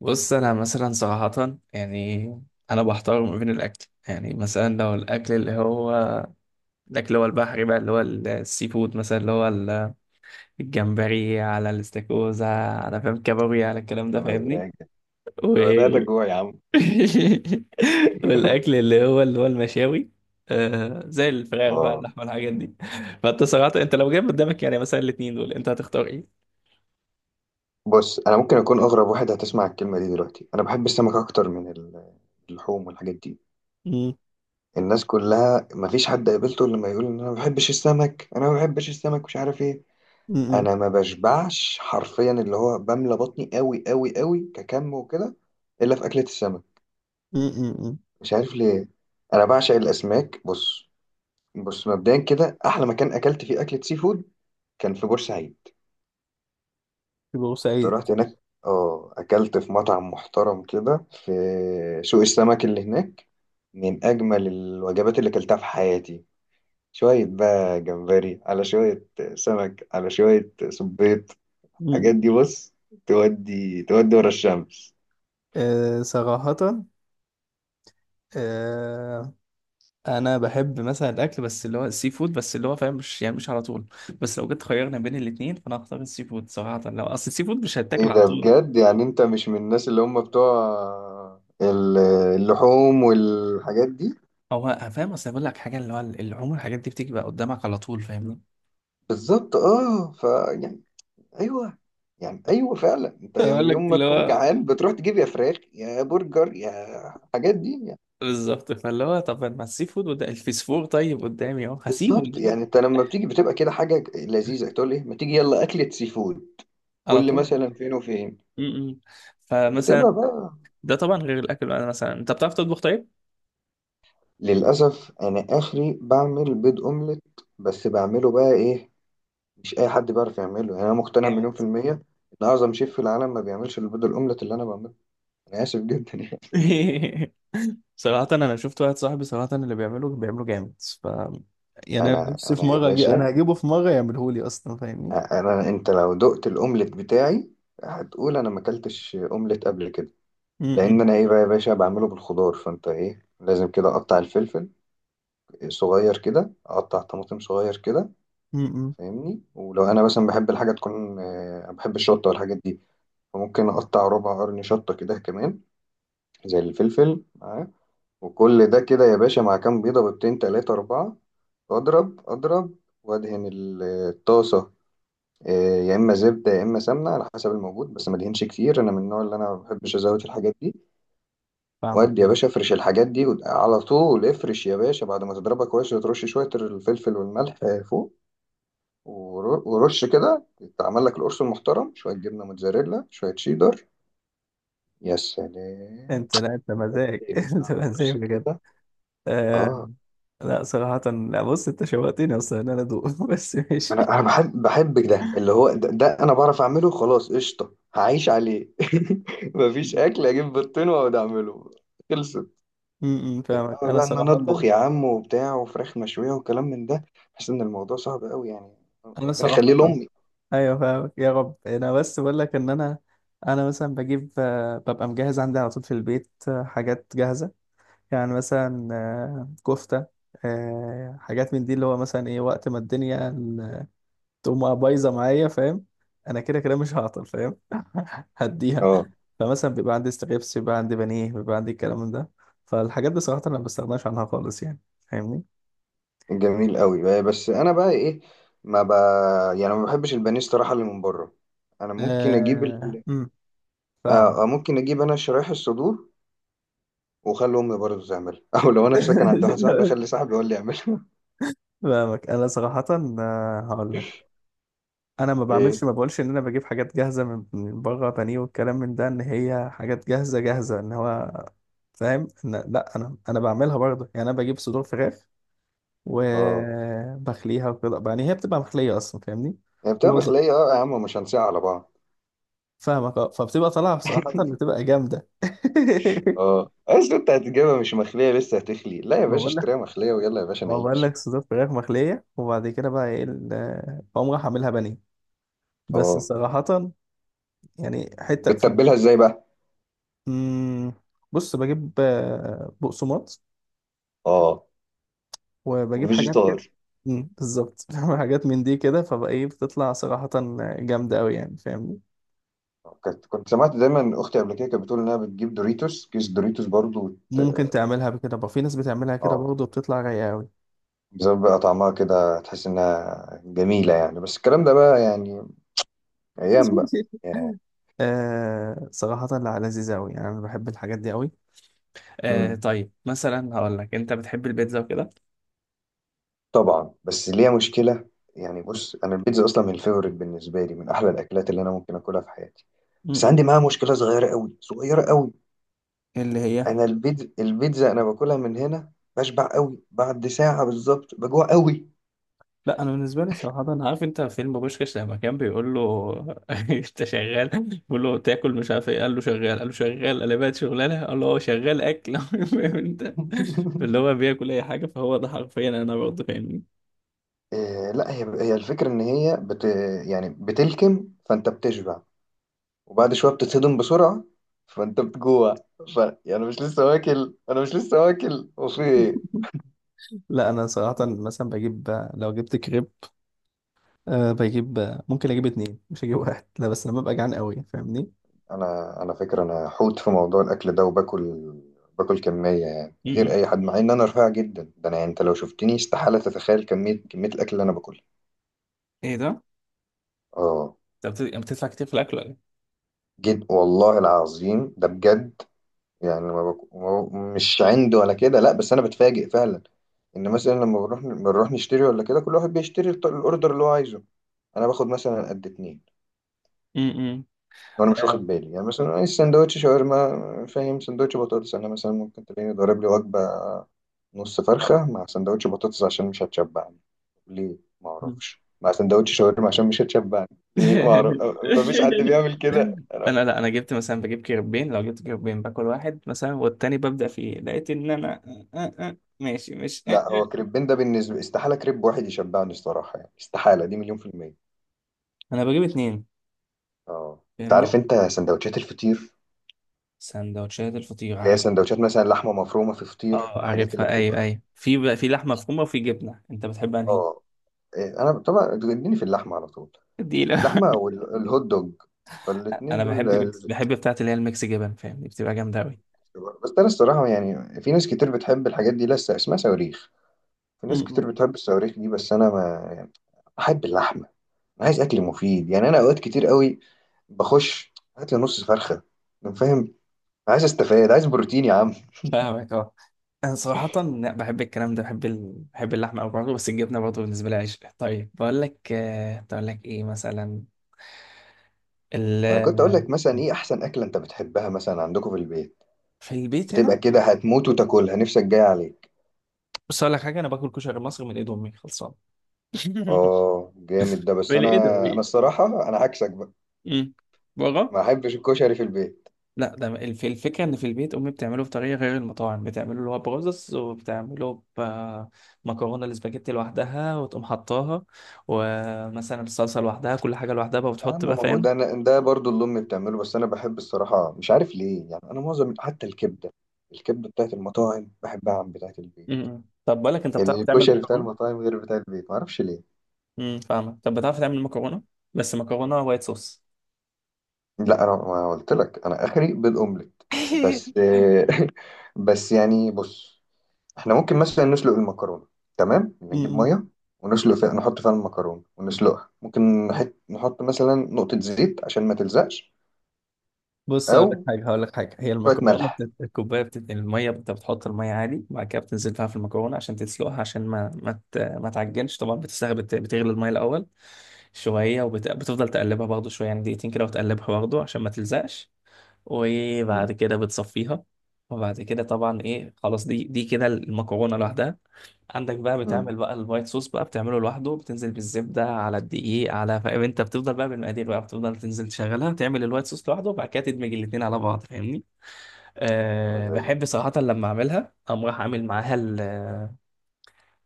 بص، انا مثلا صراحة يعني انا بحتار ما بين الاكل. يعني مثلا لو الاكل اللي هو البحري بقى اللي هو السي فود، مثلا الجمبري على الاستاكوزا على فاهم كابوريا على الكلام يا ده، فاهمني؟ مزاج، و... انا بدأت اجوع يا عم. والاكل اللي هو المشاوي، زي الفراخ بقى، اه، اللحمة، الحاجات دي. فانت صراحة انت لو جايب قدامك يعني مثلا الاتنين دول انت هتختار ايه؟ بص انا ممكن اكون اغرب واحد هتسمع الكلمه دي دلوقتي. انا بحب السمك اكتر من اللحوم والحاجات دي. مم. الناس كلها مفيش حد قابلته الا لما يقول ان انا ما بحبش السمك، انا ما بحبش السمك، مش عارف ايه. مم. انا ما بشبعش حرفيا، اللي هو بملى بطني قوي قوي قوي ككم وكده، الا في اكله السمك. مم. مم. مم. مش عارف ليه. انا بعشق الاسماك، بص مبدئيا كده احلى مكان اكلت فيه اكله سي فود كان في بورسعيد. في كنت بورسعيد. رحت هناك، اه، اكلت في مطعم محترم كده في سوق السمك اللي هناك. من اجمل الوجبات اللي اكلتها في حياتي، شوية بقى جمبري على شوية سمك على شوية صبيط، مم. الحاجات دي بص. تودي تودي ورا الشمس. أه صراحة. آه، انا بحب مثلا الاكل بس اللي هو السي فود بس، اللي هو فاهم، مش يعني مش على طول. بس لو جيت خيرنا بين الاثنين فانا هختار السي فود صراحه، لو اصل السي فود مش ايه هيتاكل على ده؟ طول. بجد يعني انت مش من الناس اللي هم بتوع ال- اللحوم والحاجات دي؟ فاهم، اصل بقول لك حاجه، اللي هو اللي عمر الحاجات دي بتيجي بقى قدامك على طول، فاهمني؟ بالظبط، اه، يعني ايوه، فعلا انت يوم بقول يوم لك ما اللي تكون هو جعان بتروح تجيب يا فراخ يا برجر يا الحاجات دي يعني. بالظبط، فاللي هو طب ما السي فود وده الفسفور طيب قدامي اهو، هسيبه بالظبط، يعني ليه؟ انت لما بتيجي بتبقى كده حاجه لذيذه تقول ايه ما تيجي يلا اكله سي فود، على كل طول. مثلا فين وفين. م- م. بتبقى فمثلا بقى. ده طبعا غير الاكل، انا مثلا انت بتعرف تطبخ طيب؟ للاسف، انا اخري بعمل بيض اومليت. بس بعمله بقى ايه، مش اي حد بيعرف يعمله يعني. انا مقتنع مليون جامد. في الميه ان اعظم شيف في العالم ما بيعملش البيض الاومليت اللي انا بعمله. انا اسف جدا يعني. صراحة أنا شفت واحد صاحبي صراحة اللي بيعمله بيعمله جامد، ف يعني أنا انا نفسي انا في يا باشا، أنا هجيبه في مرة يعمله لي أصلا، فاهمني؟ انت لو دقت الاومليت بتاعي هتقول انا ما اكلتش اومليت قبل كده. لان م-م. انا ايه بقى يا باشا، بعمله بالخضار. فانت ايه لازم كده، اقطع الفلفل صغير كده، اقطع طماطم صغير كده. م-م. فاهمني، ولو انا مثلا بحب الحاجه تكون، بحب الشطه والحاجات دي، فممكن اقطع ربع قرن شطه كده كمان زي الفلفل معاه. وكل ده كده يا باشا مع كام بيضه، بيضتين تلاتة اربعة، اضرب اضرب وادهن الطاسه، آه، يا اما زبده يا اما سمنه على حسب الموجود، بس ما ادهنش كتير، انا من النوع اللي انا ما بحبش ازود الحاجات دي. فاهمك وادي يا أه. باشا افرش الحاجات دي على طول افرش يا باشا بعد ما تضربها كويس، وترش شويه الفلفل والملح فوق. ورش كده، تعمل لك القرص المحترم، شويه جبنه موتزاريلا شويه شيدر، يا سلام. أنت لا أنت انت مزاج، بتقلب بقى أنت مزاج القرص بجد. كده. آه... اه، لا صراحة، لا بص أنت شوقتني أصلا إن أنا أدوق، بس ماشي. انا بحب ده اللي هو ده، انا بعرف اعمله خلاص، قشطه هعيش عليه. مفيش اكل اجيب بطين واقعد اعمله، خلصت. فاهمك إنما أنا بقى إن أنا صراحة. أطبخ يا عم وبتاع وفراخ مشوية وكلام من ده، بحس إن الموضوع صعب أوي يعني. أنا ربنا يخليه صراحة لأمي. أيوه فاهمك يا رب، أنا بس بقول لك إن أنا مثلا بجيب، ببقى مجهز عندي على طول في البيت حاجات جاهزة، يعني مثلا كفتة، حاجات من دي، اللي هو مثلا ايه وقت ما تقوم بايظة معايا، فاهم؟ انا كده كده مش هعطل، فاهم؟ هديها. اه، فمثلا بيبقى عندي ستريبس، بيبقى عندي بانيه، بيبقى عندي الكلام من ده. فالحاجات دي صراحة انا ما بستغناش عنها خالص يعني، فاهمني؟ جميل أوي بس أنا بقى إيه، ما ب... يعني ما بحبش البانيه الصراحة اللي من بره. أنا ممكن أجيب آه... أمم، فاهم. ممكن أجيب أنا شرايح الصدور وأخلي أمي برضه تعملها. أو لو أنا في سكن عند واحد صاحبي أخلي صاحبي هو اللي يعملها. فاهمك انا صراحة. هقول لك انا ما إيه، بعملش ما بقولش ان انا بجيب حاجات جاهزه من بره، بانيه والكلام من ده، ان هي حاجات جاهزه جاهزه، ان هو فاهم، ان لا انا بعملها برضه يعني، انا بجيب صدور فراخ اه، وبخليها وكده يعني، هي بتبقى مخليه اصلا، فاهمني؟ هي بتبقى هو ز- مخلية، اه يا عم، ومش هنساها على بعض. فاهمك اه، فبتبقى طالعه بصراحه، بتبقى جامده. اه، اصل انت هتجيبها مش مخليه لسه هتخلي؟ لا يا ما باشا بقول لك، اشتريها مخليه ويلا يا باشا ما بقول نعيش. لك صدور فراخ مخليه وبعد كده بقى ايه بقوم رايح اعملها بانيه، بس اه، صراحه يعني حته في. بتتبلها ازاي بقى؟ مم، بص بجيب بقسماط اه، وبجيب حاجات كده. وفيجيتار. بالظبط، بعمل حاجات من دي كده، فبقى ايه بتطلع صراحة جامدة أوي يعني، فاهمني؟ كنت سمعت دايما اختي قبل كده كانت بتقول انها بتجيب دوريتوس، كيس دوريتوس برضو ممكن تعملها بكده بقى، في ناس بتعملها كده اه، برضه، بتطلع رايقة أوي. بسبب بقى طعمها كده تحس انها جميله يعني، بس الكلام ده بقى يعني، ايام بقى. آه صراحة، لا لذيذة أوي يعني، أنا بحب الحاجات دي أوي. آه امم طيب مثلا هقول لك، أنت بتحب البيتزا وكده؟ طبعا، بس ليها مشكله. يعني بص، انا البيتزا اصلا من الفيفوريت بالنسبه لي، من احلى الاكلات اللي انا ممكن اكلها في حياتي. بس م. عندي معاها مشكله صغيره قوي صغيره قوي. اللي هي انا البيتزا انا باكلها من هنا بشبع قوي، بعد ساعه بالظبط بجوع قوي. لا انا بالنسبه لي صراحه، انا عارف انت فيلم بوشكاش لما كان بيقول له انت شغال؟ بيقول له تاكل مش عارف ايه، قال له شغال، قال له شغال، قال لي بقت شغلانه، قال له هو شغال اكل. فاهم انت، اللي هو بياكل اي حاجه، فهو ده حرفيا انا برضه، فاهمني؟ إيه، لا، هي الفكرة إن هي بت يعني بتلكم فأنت بتشبع، وبعد شوية بتتصدم بسرعة، فأنت بتجوع. يعني أنا مش لسه واكل، أنا مش لسه واكل وفي إيه؟ لا انا صراحه مثلا بجيب، لو جبت كريب، بجيب ممكن اجيب اتنين مش اجيب واحد، لا بس لما ببقى جعان قوي، فاهمني؟ أنا فكرة، أنا حوت في موضوع الأكل ده، وباكل كمية يعني غير م. أي حد، مع إن أنا رفيع جدا، ده أنا يعني أنت لو شفتني استحالة تتخيل كمية الأكل اللي أنا باكلها. ايه ده؟ آه، انت يعني بتدفع كتير في الاكل ولا ايه؟ جد والله العظيم ده بجد. يعني ما ب... مش عند ولا كده، لا، بس انا بتفاجئ فعلا، ان مثلا لما بنروح نشتري ولا كده، كل واحد بيشتري الاوردر اللي هو عايزه. انا باخد مثلا قد اتنين، م- م. وانا مش آه. واخد بالي. يعني مثلا عايز سندوتش شاورما فاهم، سندوتش بطاطس، انا مثلا ممكن تلاقيني ضارب لي وجبه، نص فرخه مع سندوتش بطاطس عشان مش هتشبعني. ليه؟ ما اعرفش. مع سندوتش شاورما عشان مش هتشبعني. ليه؟ ما اعرف. ما فيش حد بيعمل كده. انا لا انا جبت مثلا بجيب كيربين، لو جبت كيربين باكل واحد مثلا والتاني ببدأ فيه، لقيت ان انا ماشي مش آه، لا، هو آه. كريبين ده بالنسبه، استحاله كريب واحد يشبعني الصراحه يعني، استحاله دي 1,000,000%. انا بجيب اتنين، اه، انت فاهمني؟ عارف انت سندوتشات الفطير؟ سندوتشات الفطير اللي هي عارف. سندوتشات مثلا لحمه مفرومه في فطير، اه الحاجات اللي عارفها، ايوه بتبقى. ايوه، في بقى في لحمه مفرومه وفي جبنه، انت بتحب انهي؟ اه، إيه، انا طبعا بتجنني في اللحمه على طول. ديلة. اللحمه او الهوت دوج، فالاتنين انا دول بحب ميكس، لازم. بحب بتاعت اللي هي الميكس جبن، فاهمني؟ بتبقى جامده قوي. بس انا الصراحه يعني في ناس كتير بتحب الحاجات دي، لسه اسمها صواريخ. في ناس كتير بتحب الصواريخ دي، بس انا ما يعني، بحب اللحمه. انا عايز اكل مفيد يعني، انا اوقات كتير قوي بخش هات لي نص فرخه، فاهم، عايز استفاد، عايز بروتين يا عم. فاهمك اه، انا صراحة لا بحب الكلام ده، بحب اللحمة أوي برضه، بس الجبنة برضه بالنسبة لي عشق. طيب بقول لك، بقول لك ايه مثلا، ال... انا كنت اقول لك مثلا، ايه احسن اكله انت بتحبها مثلا عندكم في البيت، في البيت هنا. بتبقى كده هتموت وتاكلها نفسك جاي عليك؟ بص اقول لك حاجة، انا باكل كشري مصري من ايد امي خلصان. اه، جامد ده، بس من انا ايده انا إيه؟ الصراحه انا عكسك بقى، امم بره. ما احبش الكشري في البيت. لا ده الفكرة ان في البيت امي بتعمله بطريقة غير المطاعم، بتعمله اللي هو برز، وبتعمله بمكرونة الاسباجيتي لوحدها وتقوم حطاها، ومثلا الصلصة لوحدها، كل حاجة لوحدها بقى، يا عم، وبتحط بقى، ما هو فاهم؟ ده أنا، ده برضو اللي امي بتعمله، بس انا بحب الصراحه مش عارف ليه. يعني انا معظم حتى الكبده، الكبده بتاعت المطاعم بحبها عن بتاعت البيت. طب بقول لك، انت بتعرف تعمل الكشري بتاع مكرونه؟ المطاعم غير بتاع البيت، ما اعرفش ليه. فاهمك، طب بتعرف تعمل مكرونه؟ بس مكرونه وايت صوص. لا، انا ما قلت لك انا اخري بالاومليت؟ بس بس يعني بص، احنا ممكن مثلا نسلق المكرونه، تمام، نجيب امم ميه ونسلق فيها، نحط فيها المكرونه ونسلقها، ممكن نحط مثلا نقطه زيت عشان ما تلزقش، بص او هقول لك حاجه، هقول لك حاجه، هي شويه المكرونه ملح. الكوبايه الميه، انت بتحط الميه عادي وبعد كده بتنزل فيها في المكرونه عشان تسلقها، عشان ما ما, ما تعجنش طبعا، بتغلي الميه الاول شويه، بتفضل تقلبها برضه شويه يعني، دقيقتين كده، وتقلبها برضه عشان ما تلزقش، امم وبعد كده بتصفيها. وبعد كده طبعا ايه خلاص دي كده المكرونه لوحدها. عندك بقى امم بتعمل بقى الوايت صوص بقى، بتعمله لوحده، بتنزل بالزبده على الدقيق على فاهم انت، بتفضل بقى بالمقادير بقى، بتفضل تنزل تشغلها، تعمل الوايت صوص لوحده، وبعد كده تدمج الاتنين على بعض، فاهمني؟ يا أه مزاجي، بحب صراحه لما اعملها اقوم رايح اعمل معاها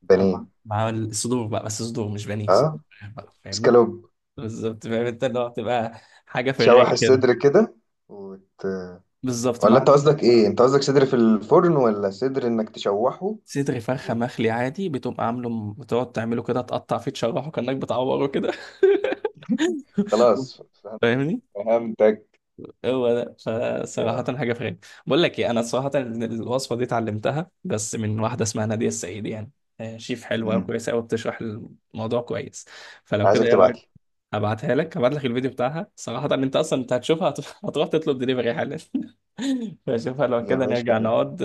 بانيه، أعمل مع الصدور بقى، بس صدور مش بانيه، صدور اه، بقى، فاهمني؟ اسكالوب. بالظبط، فاهم انت، اللي هو بتبقى حاجه في تشوح الرايق كده. الصدر كده وت... بالظبط، ولا انت مع قصدك ايه؟ انت قصدك صدر في الفرن ولا صدر انك تشوحه؟ صدر فرخه وت... مخلي عادي، بتقوم عامله بتقعد تعمله كده، تقطع فيه، تشرحه كانك بتعوره كده. خلاص فاهمني، فهمتك. هو ده. يا فصراحة حاجة في غير. بقول لك ايه، انا صراحة الوصفة دي اتعلمتها بس من واحدة اسمها نادية السعيد يعني، شيف حلوة مم. وكويسة قوي، بتشرح الموضوع كويس. فلو كده عايزك ايه رأيك؟ تبعتلي هبعتها لك، هبعت لك الفيديو بتاعها صراحة، انت اصلا انت هتشوفها هتروح تطلب دليفري حالا. فشوفها لو يا كده، نرجع باشا. نقعد،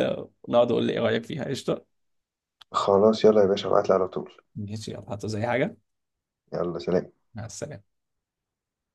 نقعد وقول لي ايه رأيك فيها، قشطة؟ خلاص يلا يا باشا ابعتلي على طول. ماشي، يلا هاتوا زي حاجة. يلا، سلام. مع السلامة.